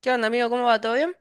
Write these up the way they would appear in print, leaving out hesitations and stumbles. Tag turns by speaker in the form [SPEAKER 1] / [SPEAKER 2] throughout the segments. [SPEAKER 1] ¿Qué onda, amigo? ¿Cómo va? ¿Todo bien?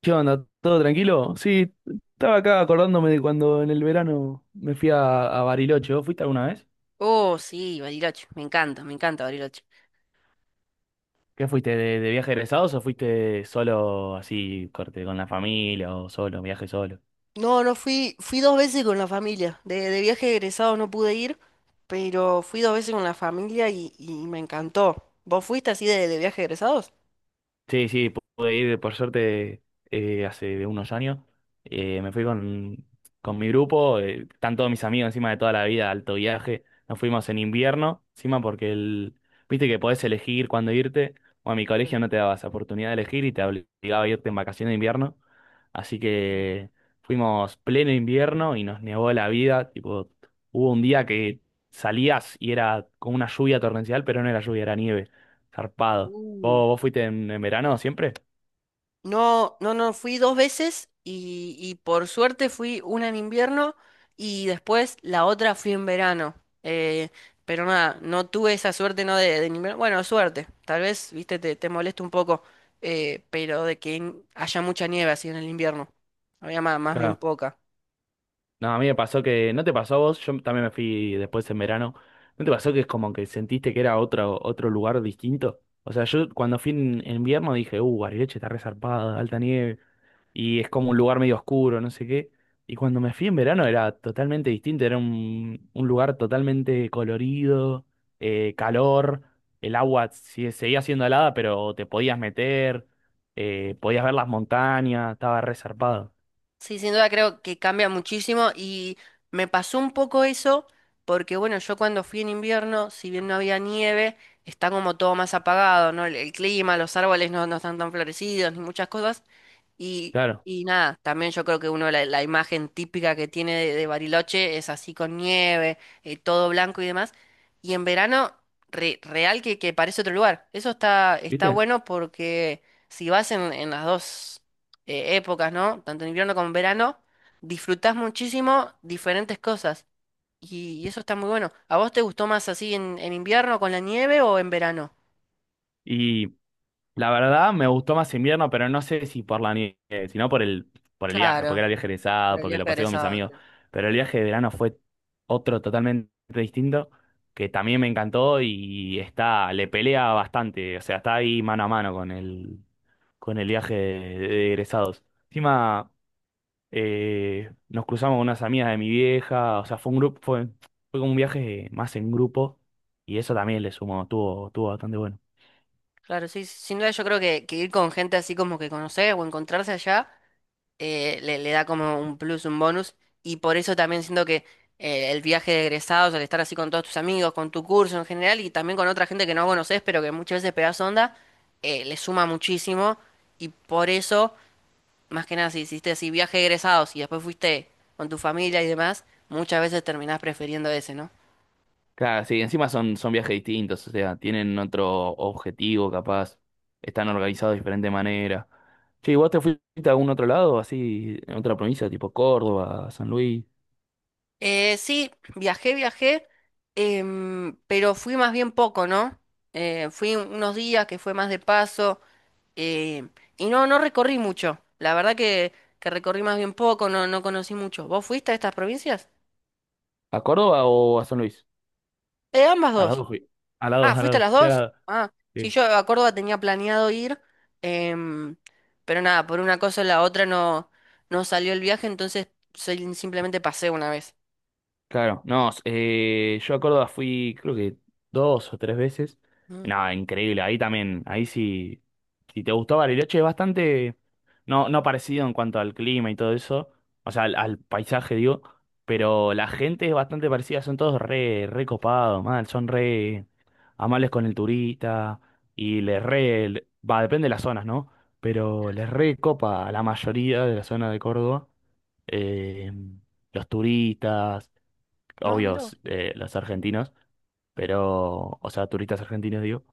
[SPEAKER 2] ¿Qué onda? ¿Todo tranquilo? Sí, estaba acá acordándome de cuando en el verano me fui a Bariloche. ¿Vos fuiste alguna vez?
[SPEAKER 1] Oh, sí, Bariloche. Me encanta Bariloche.
[SPEAKER 2] ¿Qué fuiste? ¿¿De viaje egresados o fuiste solo así, corte, con la familia o solo, viaje solo?
[SPEAKER 1] No, no fui, fui dos veces con la familia. De viaje de egresado no pude ir, pero fui dos veces con la familia y me encantó. ¿Vos fuiste así de viaje de egresados?
[SPEAKER 2] Sí, sí, pude ir por suerte hace unos años. Me fui con mi grupo, están todos mis amigos encima de toda la vida, alto viaje. Nos fuimos en invierno, encima porque viste que podés elegir cuándo irte. O a mi colegio no te daba esa oportunidad de elegir y te obligaba a irte en vacaciones de invierno. Así
[SPEAKER 1] Mm.
[SPEAKER 2] que fuimos pleno invierno y nos nevó la vida. Tipo, hubo un día que salías y era con una lluvia torrencial, pero no era lluvia, era nieve. Zarpado.
[SPEAKER 1] Uh.
[SPEAKER 2] ¿Vos fuiste en verano siempre?
[SPEAKER 1] No, no, no, fui dos veces y por suerte fui una en invierno y después la otra fui en verano. Eh, pero nada, no tuve esa suerte, no de en invierno. Bueno, suerte, tal vez, viste, te molesta un poco, pero de que haya mucha nieve así en el invierno. Había más bien
[SPEAKER 2] Claro.
[SPEAKER 1] poca.
[SPEAKER 2] No, a mí me pasó que, ¿no te pasó a vos? Yo también me fui después en verano. ¿No te pasó que es como que sentiste que era otro, otro lugar distinto? O sea, yo cuando fui en invierno dije, Bariloche está resarpada, alta nieve, y es como un lugar medio oscuro, no sé qué. Y cuando me fui en verano era totalmente distinto, era un lugar totalmente colorido, calor, el agua si- seguía siendo helada, pero te podías meter, podías ver las montañas, estaba resarpado.
[SPEAKER 1] Sí, sin duda creo que cambia muchísimo y me pasó un poco eso porque bueno, yo cuando fui en invierno, si bien no había nieve, está como todo más apagado, ¿no? El clima, los árboles no están tan florecidos ni muchas cosas. Y,
[SPEAKER 2] Claro,
[SPEAKER 1] y nada, también yo creo que uno la imagen típica que tiene de Bariloche es así con nieve, todo blanco y demás. Y en verano, real que parece otro lugar. Eso está
[SPEAKER 2] ¿viste?
[SPEAKER 1] bueno porque si vas en las dos épocas, ¿no? Tanto en invierno como en verano, disfrutás muchísimo diferentes cosas. Y eso está muy bueno. ¿A vos te gustó más así en invierno con la nieve o en verano?
[SPEAKER 2] Y la verdad, me gustó más invierno, pero no sé si por la nieve, sino por por el viaje, porque
[SPEAKER 1] Claro,
[SPEAKER 2] era viaje
[SPEAKER 1] por
[SPEAKER 2] egresado,
[SPEAKER 1] el
[SPEAKER 2] porque
[SPEAKER 1] viaje
[SPEAKER 2] lo pasé con mis
[SPEAKER 1] egresado.
[SPEAKER 2] amigos. Pero el viaje de verano fue otro totalmente distinto, que también me encantó y está, le pelea bastante, o sea, está ahí mano a mano con con el viaje de egresados. Encima, nos cruzamos con unas amigas de mi vieja, o sea, fue un grupo, fue como un viaje más en grupo, y eso también le sumó, tuvo bastante bueno.
[SPEAKER 1] Claro, sí, sí, sin duda yo creo que ir con gente así como que conocer o encontrarse allá le da como un plus, un bonus. Y por eso también siento que el viaje de egresados, al estar así con todos tus amigos, con tu curso en general y también con otra gente que no conoces, pero que muchas veces pegas onda, le suma muchísimo. Y por eso, más que nada, si hiciste así viaje de egresados y después fuiste con tu familia y demás, muchas veces terminás prefiriendo ese, ¿no?
[SPEAKER 2] Claro, sí, encima son, son viajes distintos, o sea, tienen otro objetivo capaz, están organizados de diferente manera. Che, ¿y vos te fuiste a algún otro lado, así, en otra provincia, tipo Córdoba, San Luis?
[SPEAKER 1] Sí, viajé, pero fui más bien poco, ¿no? Fui unos días que fue más de paso, em, y no recorrí mucho. La verdad que recorrí más bien poco, no conocí mucho. ¿Vos fuiste a estas provincias?
[SPEAKER 2] ¿A Córdoba o a San Luis?
[SPEAKER 1] Ambas
[SPEAKER 2] A las
[SPEAKER 1] dos.
[SPEAKER 2] dos fui. Al lado,
[SPEAKER 1] Ah,
[SPEAKER 2] al
[SPEAKER 1] ¿fuiste a
[SPEAKER 2] lado.
[SPEAKER 1] las
[SPEAKER 2] Fui al
[SPEAKER 1] dos?
[SPEAKER 2] lado.
[SPEAKER 1] Ah, sí,
[SPEAKER 2] Sí.
[SPEAKER 1] yo a Córdoba tenía planeado ir, em, pero nada, por una cosa o la otra no salió el viaje, entonces simplemente pasé una vez.
[SPEAKER 2] Claro, no, yo a Córdoba fui creo que dos o tres veces.
[SPEAKER 1] Mm.
[SPEAKER 2] Nada, increíble, ahí también, ahí sí, si te gustó Bariloche es bastante, no, no parecido en cuanto al clima y todo eso, o sea, al paisaje digo, pero la gente es bastante parecida, son todos re, re copados, mal, son re amables con el turista y les va, depende de las zonas, ¿no? Pero
[SPEAKER 1] Pero
[SPEAKER 2] les
[SPEAKER 1] sí.
[SPEAKER 2] re copa a la mayoría de la zona de Córdoba, eh, los turistas
[SPEAKER 1] No, mira vos.
[SPEAKER 2] obvios, los argentinos, pero, o sea, turistas argentinos, digo.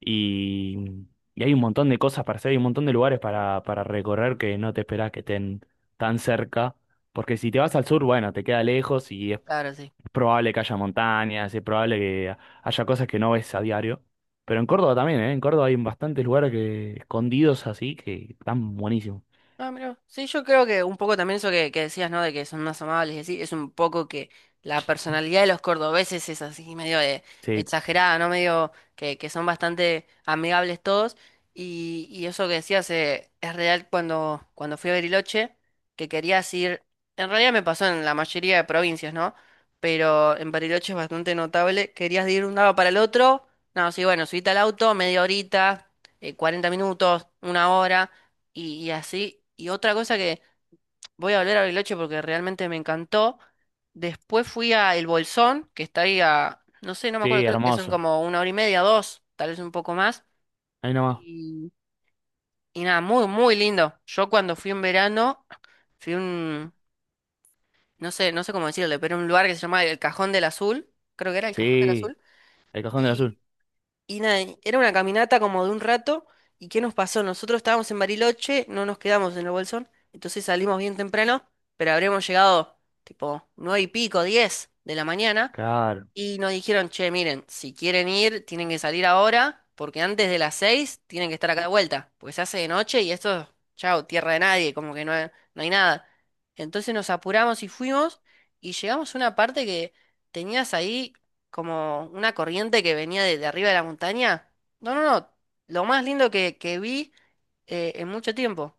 [SPEAKER 2] Y, y hay un montón de cosas para hacer, hay un montón de lugares para recorrer que no te esperás que estén tan cerca, porque si te vas al sur, bueno, te queda lejos y es
[SPEAKER 1] Claro, sí.
[SPEAKER 2] probable que haya montañas, es probable que haya cosas que no ves a diario. Pero en Córdoba también, ¿eh? En Córdoba hay bastantes lugares que, escondidos así que están buenísimos.
[SPEAKER 1] Ah, mira. Sí, yo creo que un poco también eso que decías, ¿no? De que son más amables y así, es un poco que la personalidad de los cordobeses es así, medio
[SPEAKER 2] Sí,
[SPEAKER 1] exagerada, ¿no? Medio que son bastante amigables todos. Y eso que decías, es real cuando fui a Bariloche, que querías ir. En realidad me pasó en la mayoría de provincias, ¿no? Pero en Bariloche es bastante notable. Querías de ir de un lado para el otro. No, sí, bueno, subiste al auto, media horita, 40 minutos, una hora y así. Y otra cosa que voy a volver a Bariloche porque realmente me encantó. Después fui a El Bolsón, que está ahí a, no sé, no me acuerdo,
[SPEAKER 2] sí,
[SPEAKER 1] creo que son
[SPEAKER 2] hermoso.
[SPEAKER 1] como una hora y media, dos, tal vez un poco más.
[SPEAKER 2] Ahí nomás.
[SPEAKER 1] Y, y nada, muy, muy lindo. Yo cuando fui en verano, fui a un, no sé, no sé cómo decirle, pero un lugar que se llama El Cajón del Azul, creo que era El Cajón del
[SPEAKER 2] Sí,
[SPEAKER 1] Azul.
[SPEAKER 2] el Cajón del Azul.
[SPEAKER 1] Y nada, y era una caminata como de un rato. ¿Y qué nos pasó? Nosotros estábamos en Bariloche, no nos quedamos en el Bolsón, entonces salimos bien temprano, pero habremos llegado tipo 9 y pico, 10 de la mañana.
[SPEAKER 2] Claro.
[SPEAKER 1] Y nos dijeron, che, miren, si quieren ir, tienen que salir ahora, porque antes de las 6 tienen que estar acá de vuelta, porque se hace de noche y esto, chao, tierra de nadie, como que no, no hay nada. Entonces nos apuramos y fuimos y llegamos a una parte que tenías ahí como una corriente que venía de arriba de la montaña. No, no, no, lo más lindo que vi en mucho tiempo.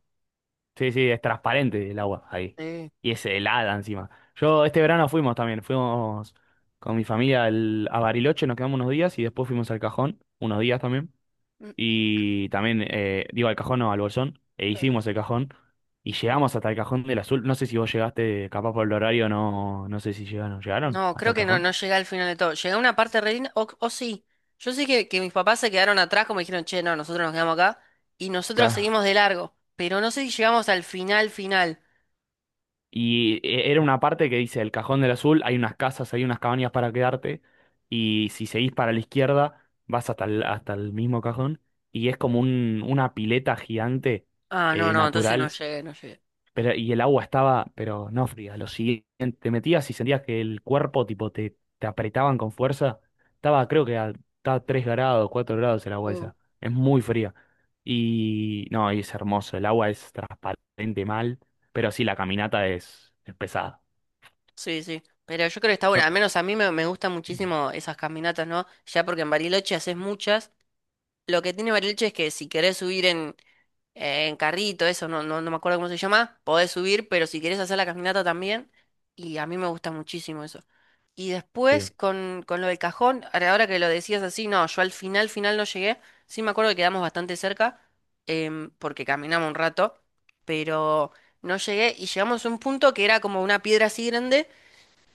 [SPEAKER 2] Sí, sí, es transparente el agua ahí.
[SPEAKER 1] Sí.
[SPEAKER 2] Y es helada encima. Yo este verano fuimos también, fuimos con mi familia a Bariloche, nos quedamos unos días y después fuimos al Cajón, unos días también.
[SPEAKER 1] Mm.
[SPEAKER 2] Y también, digo al Cajón, no, al Bolsón, e hicimos el Cajón y llegamos hasta el Cajón del Azul. No sé si vos llegaste, capaz por el horario, no, no sé si llegaron. ¿Llegaron
[SPEAKER 1] No,
[SPEAKER 2] hasta
[SPEAKER 1] creo
[SPEAKER 2] el
[SPEAKER 1] que no,
[SPEAKER 2] Cajón?
[SPEAKER 1] no, llegué al final de todo. Llegué a una parte re linda, o sí. Yo sé que mis papás se quedaron atrás, como dijeron, che, no, nosotros nos quedamos acá y nosotros seguimos de largo. Pero no sé si llegamos al final, final.
[SPEAKER 2] Y era una parte que dice, el Cajón del Azul, hay unas casas, hay unas cabañas para quedarte, y si seguís para la izquierda, vas hasta hasta el mismo cajón, y es como una pileta gigante,
[SPEAKER 1] Ah, no, no, entonces no
[SPEAKER 2] natural.
[SPEAKER 1] llegué, no llegué.
[SPEAKER 2] Pero, y el agua estaba, pero no fría. Lo siguiente, te metías y sentías que el cuerpo, tipo, te apretaban con fuerza. Estaba, estaba 3 grados, 4 grados el agua
[SPEAKER 1] Mm.
[SPEAKER 2] esa. Es muy fría. Y no, y es hermoso. El agua es transparente mal, pero sí, la caminata es pesada.
[SPEAKER 1] Sí, sí. Pero yo creo que está bueno.
[SPEAKER 2] Yo,
[SPEAKER 1] Al menos a mí me gustan muchísimo esas caminatas, ¿no? Ya porque en Bariloche haces muchas. Lo que tiene Bariloche es que si querés subir en carrito, eso, no me acuerdo cómo se llama, podés subir, pero si querés hacer la caminata también, y a mí me gusta muchísimo eso. Y después
[SPEAKER 2] sí,
[SPEAKER 1] con lo del cajón, ahora ahora que lo decías así, no, yo al final, final no llegué, sí me acuerdo que quedamos bastante cerca, porque caminamos un rato, pero no llegué y llegamos a un punto que era como una piedra así grande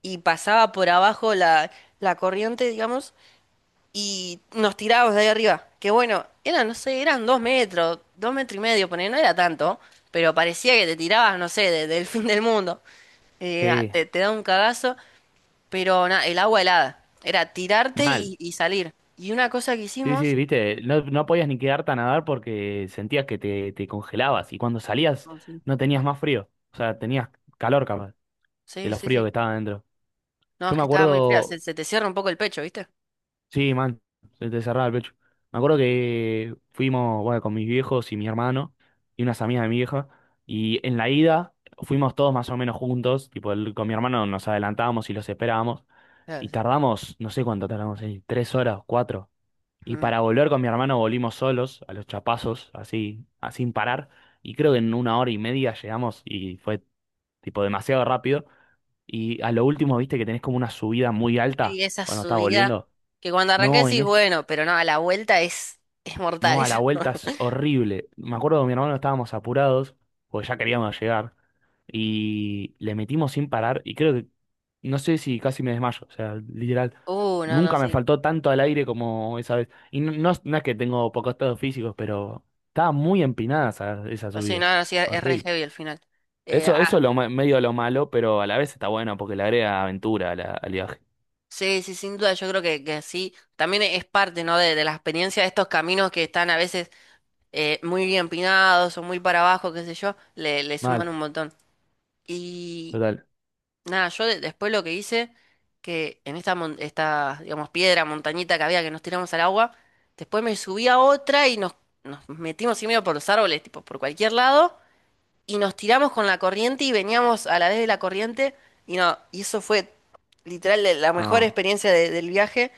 [SPEAKER 1] y pasaba por abajo la corriente, digamos, y nos tirábamos de ahí arriba. Que bueno, eran, no sé, eran 2 metros, 2 metros y medio, poner, no era tanto, pero parecía que te tirabas, no sé, del fin del mundo. Ah,
[SPEAKER 2] sí,
[SPEAKER 1] te da un cagazo, pero el agua helada. Era tirarte
[SPEAKER 2] mal.
[SPEAKER 1] y salir. Y una cosa que
[SPEAKER 2] Sí, sí,
[SPEAKER 1] hicimos.
[SPEAKER 2] viste, no, no podías ni quedarte a nadar porque sentías que te congelabas y cuando salías
[SPEAKER 1] No, sí.
[SPEAKER 2] no tenías más frío. O sea, tenías calor capaz de
[SPEAKER 1] Sí,
[SPEAKER 2] lo
[SPEAKER 1] sí,
[SPEAKER 2] frío que
[SPEAKER 1] sí.
[SPEAKER 2] estaba adentro.
[SPEAKER 1] No,
[SPEAKER 2] Yo
[SPEAKER 1] es
[SPEAKER 2] me
[SPEAKER 1] que estaba muy fría,
[SPEAKER 2] acuerdo,
[SPEAKER 1] se te cierra un poco el pecho, ¿viste?
[SPEAKER 2] sí, man, se te cerraba el pecho. Me acuerdo que fuimos, bueno, con mis viejos y mi hermano y unas amigas de mi vieja. Y en la ida fuimos todos más o menos juntos. Tipo, con mi hermano nos adelantábamos y los esperábamos.
[SPEAKER 1] Claro,
[SPEAKER 2] Y
[SPEAKER 1] sí.
[SPEAKER 2] tardamos, no sé cuánto tardamos, tres horas, cuatro. Y
[SPEAKER 1] Mm.
[SPEAKER 2] para volver con mi hermano volvimos solos, a los chapazos, así, así sin parar. Y creo que en una hora y media llegamos y fue tipo demasiado rápido. Y a lo último, viste que tenés como una subida muy alta
[SPEAKER 1] Sí, esa
[SPEAKER 2] cuando estás
[SPEAKER 1] subida
[SPEAKER 2] volviendo.
[SPEAKER 1] que cuando arranqué
[SPEAKER 2] No,
[SPEAKER 1] decís, bueno, pero no, a la vuelta es mortal
[SPEAKER 2] no, a
[SPEAKER 1] esa.
[SPEAKER 2] la vuelta es horrible. Me acuerdo que mi hermano estábamos apurados, porque ya queríamos llegar, y le metimos sin parar, y creo que, no sé si casi me desmayo, o sea, literal,
[SPEAKER 1] No, no,
[SPEAKER 2] nunca me
[SPEAKER 1] sí.
[SPEAKER 2] faltó tanto al aire como esa vez. Y no, no es que tengo pocos estados físicos, pero estaba muy empinada esa
[SPEAKER 1] O sea,
[SPEAKER 2] subida.
[SPEAKER 1] nada, sí, es re
[SPEAKER 2] Horrible.
[SPEAKER 1] heavy al final.
[SPEAKER 2] Eso,
[SPEAKER 1] Ah,
[SPEAKER 2] eso es lo, medio lo malo, pero a la vez está bueno, porque le agrega aventura a al viaje.
[SPEAKER 1] sí, sí, sin duda, yo creo que sí. También es parte, ¿no? De la experiencia de estos caminos que están a veces muy bien pinados o muy para abajo, qué sé yo, le suman
[SPEAKER 2] Mal,
[SPEAKER 1] un montón. Y
[SPEAKER 2] total.
[SPEAKER 1] nada, yo después lo que hice, que en esta, esta, digamos, piedra, montañita que había que nos tiramos al agua, después me subí a otra y nos metimos así medio por los árboles, tipo, por cualquier lado. Y nos tiramos con la corriente y veníamos a la vez de la corriente y no, y eso fue literal la mejor
[SPEAKER 2] No,
[SPEAKER 1] experiencia del viaje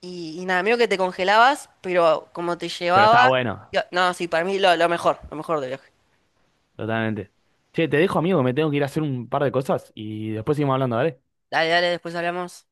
[SPEAKER 1] y nada, medio que te congelabas, pero como te
[SPEAKER 2] pero está
[SPEAKER 1] llevaba,
[SPEAKER 2] bueno.
[SPEAKER 1] no, sí, para mí lo, mejor, lo mejor del viaje.
[SPEAKER 2] Totalmente. Che, te dejo, amigo, me tengo que ir a hacer un par de cosas y después seguimos hablando, ¿vale?
[SPEAKER 1] Dale, dale, después hablamos.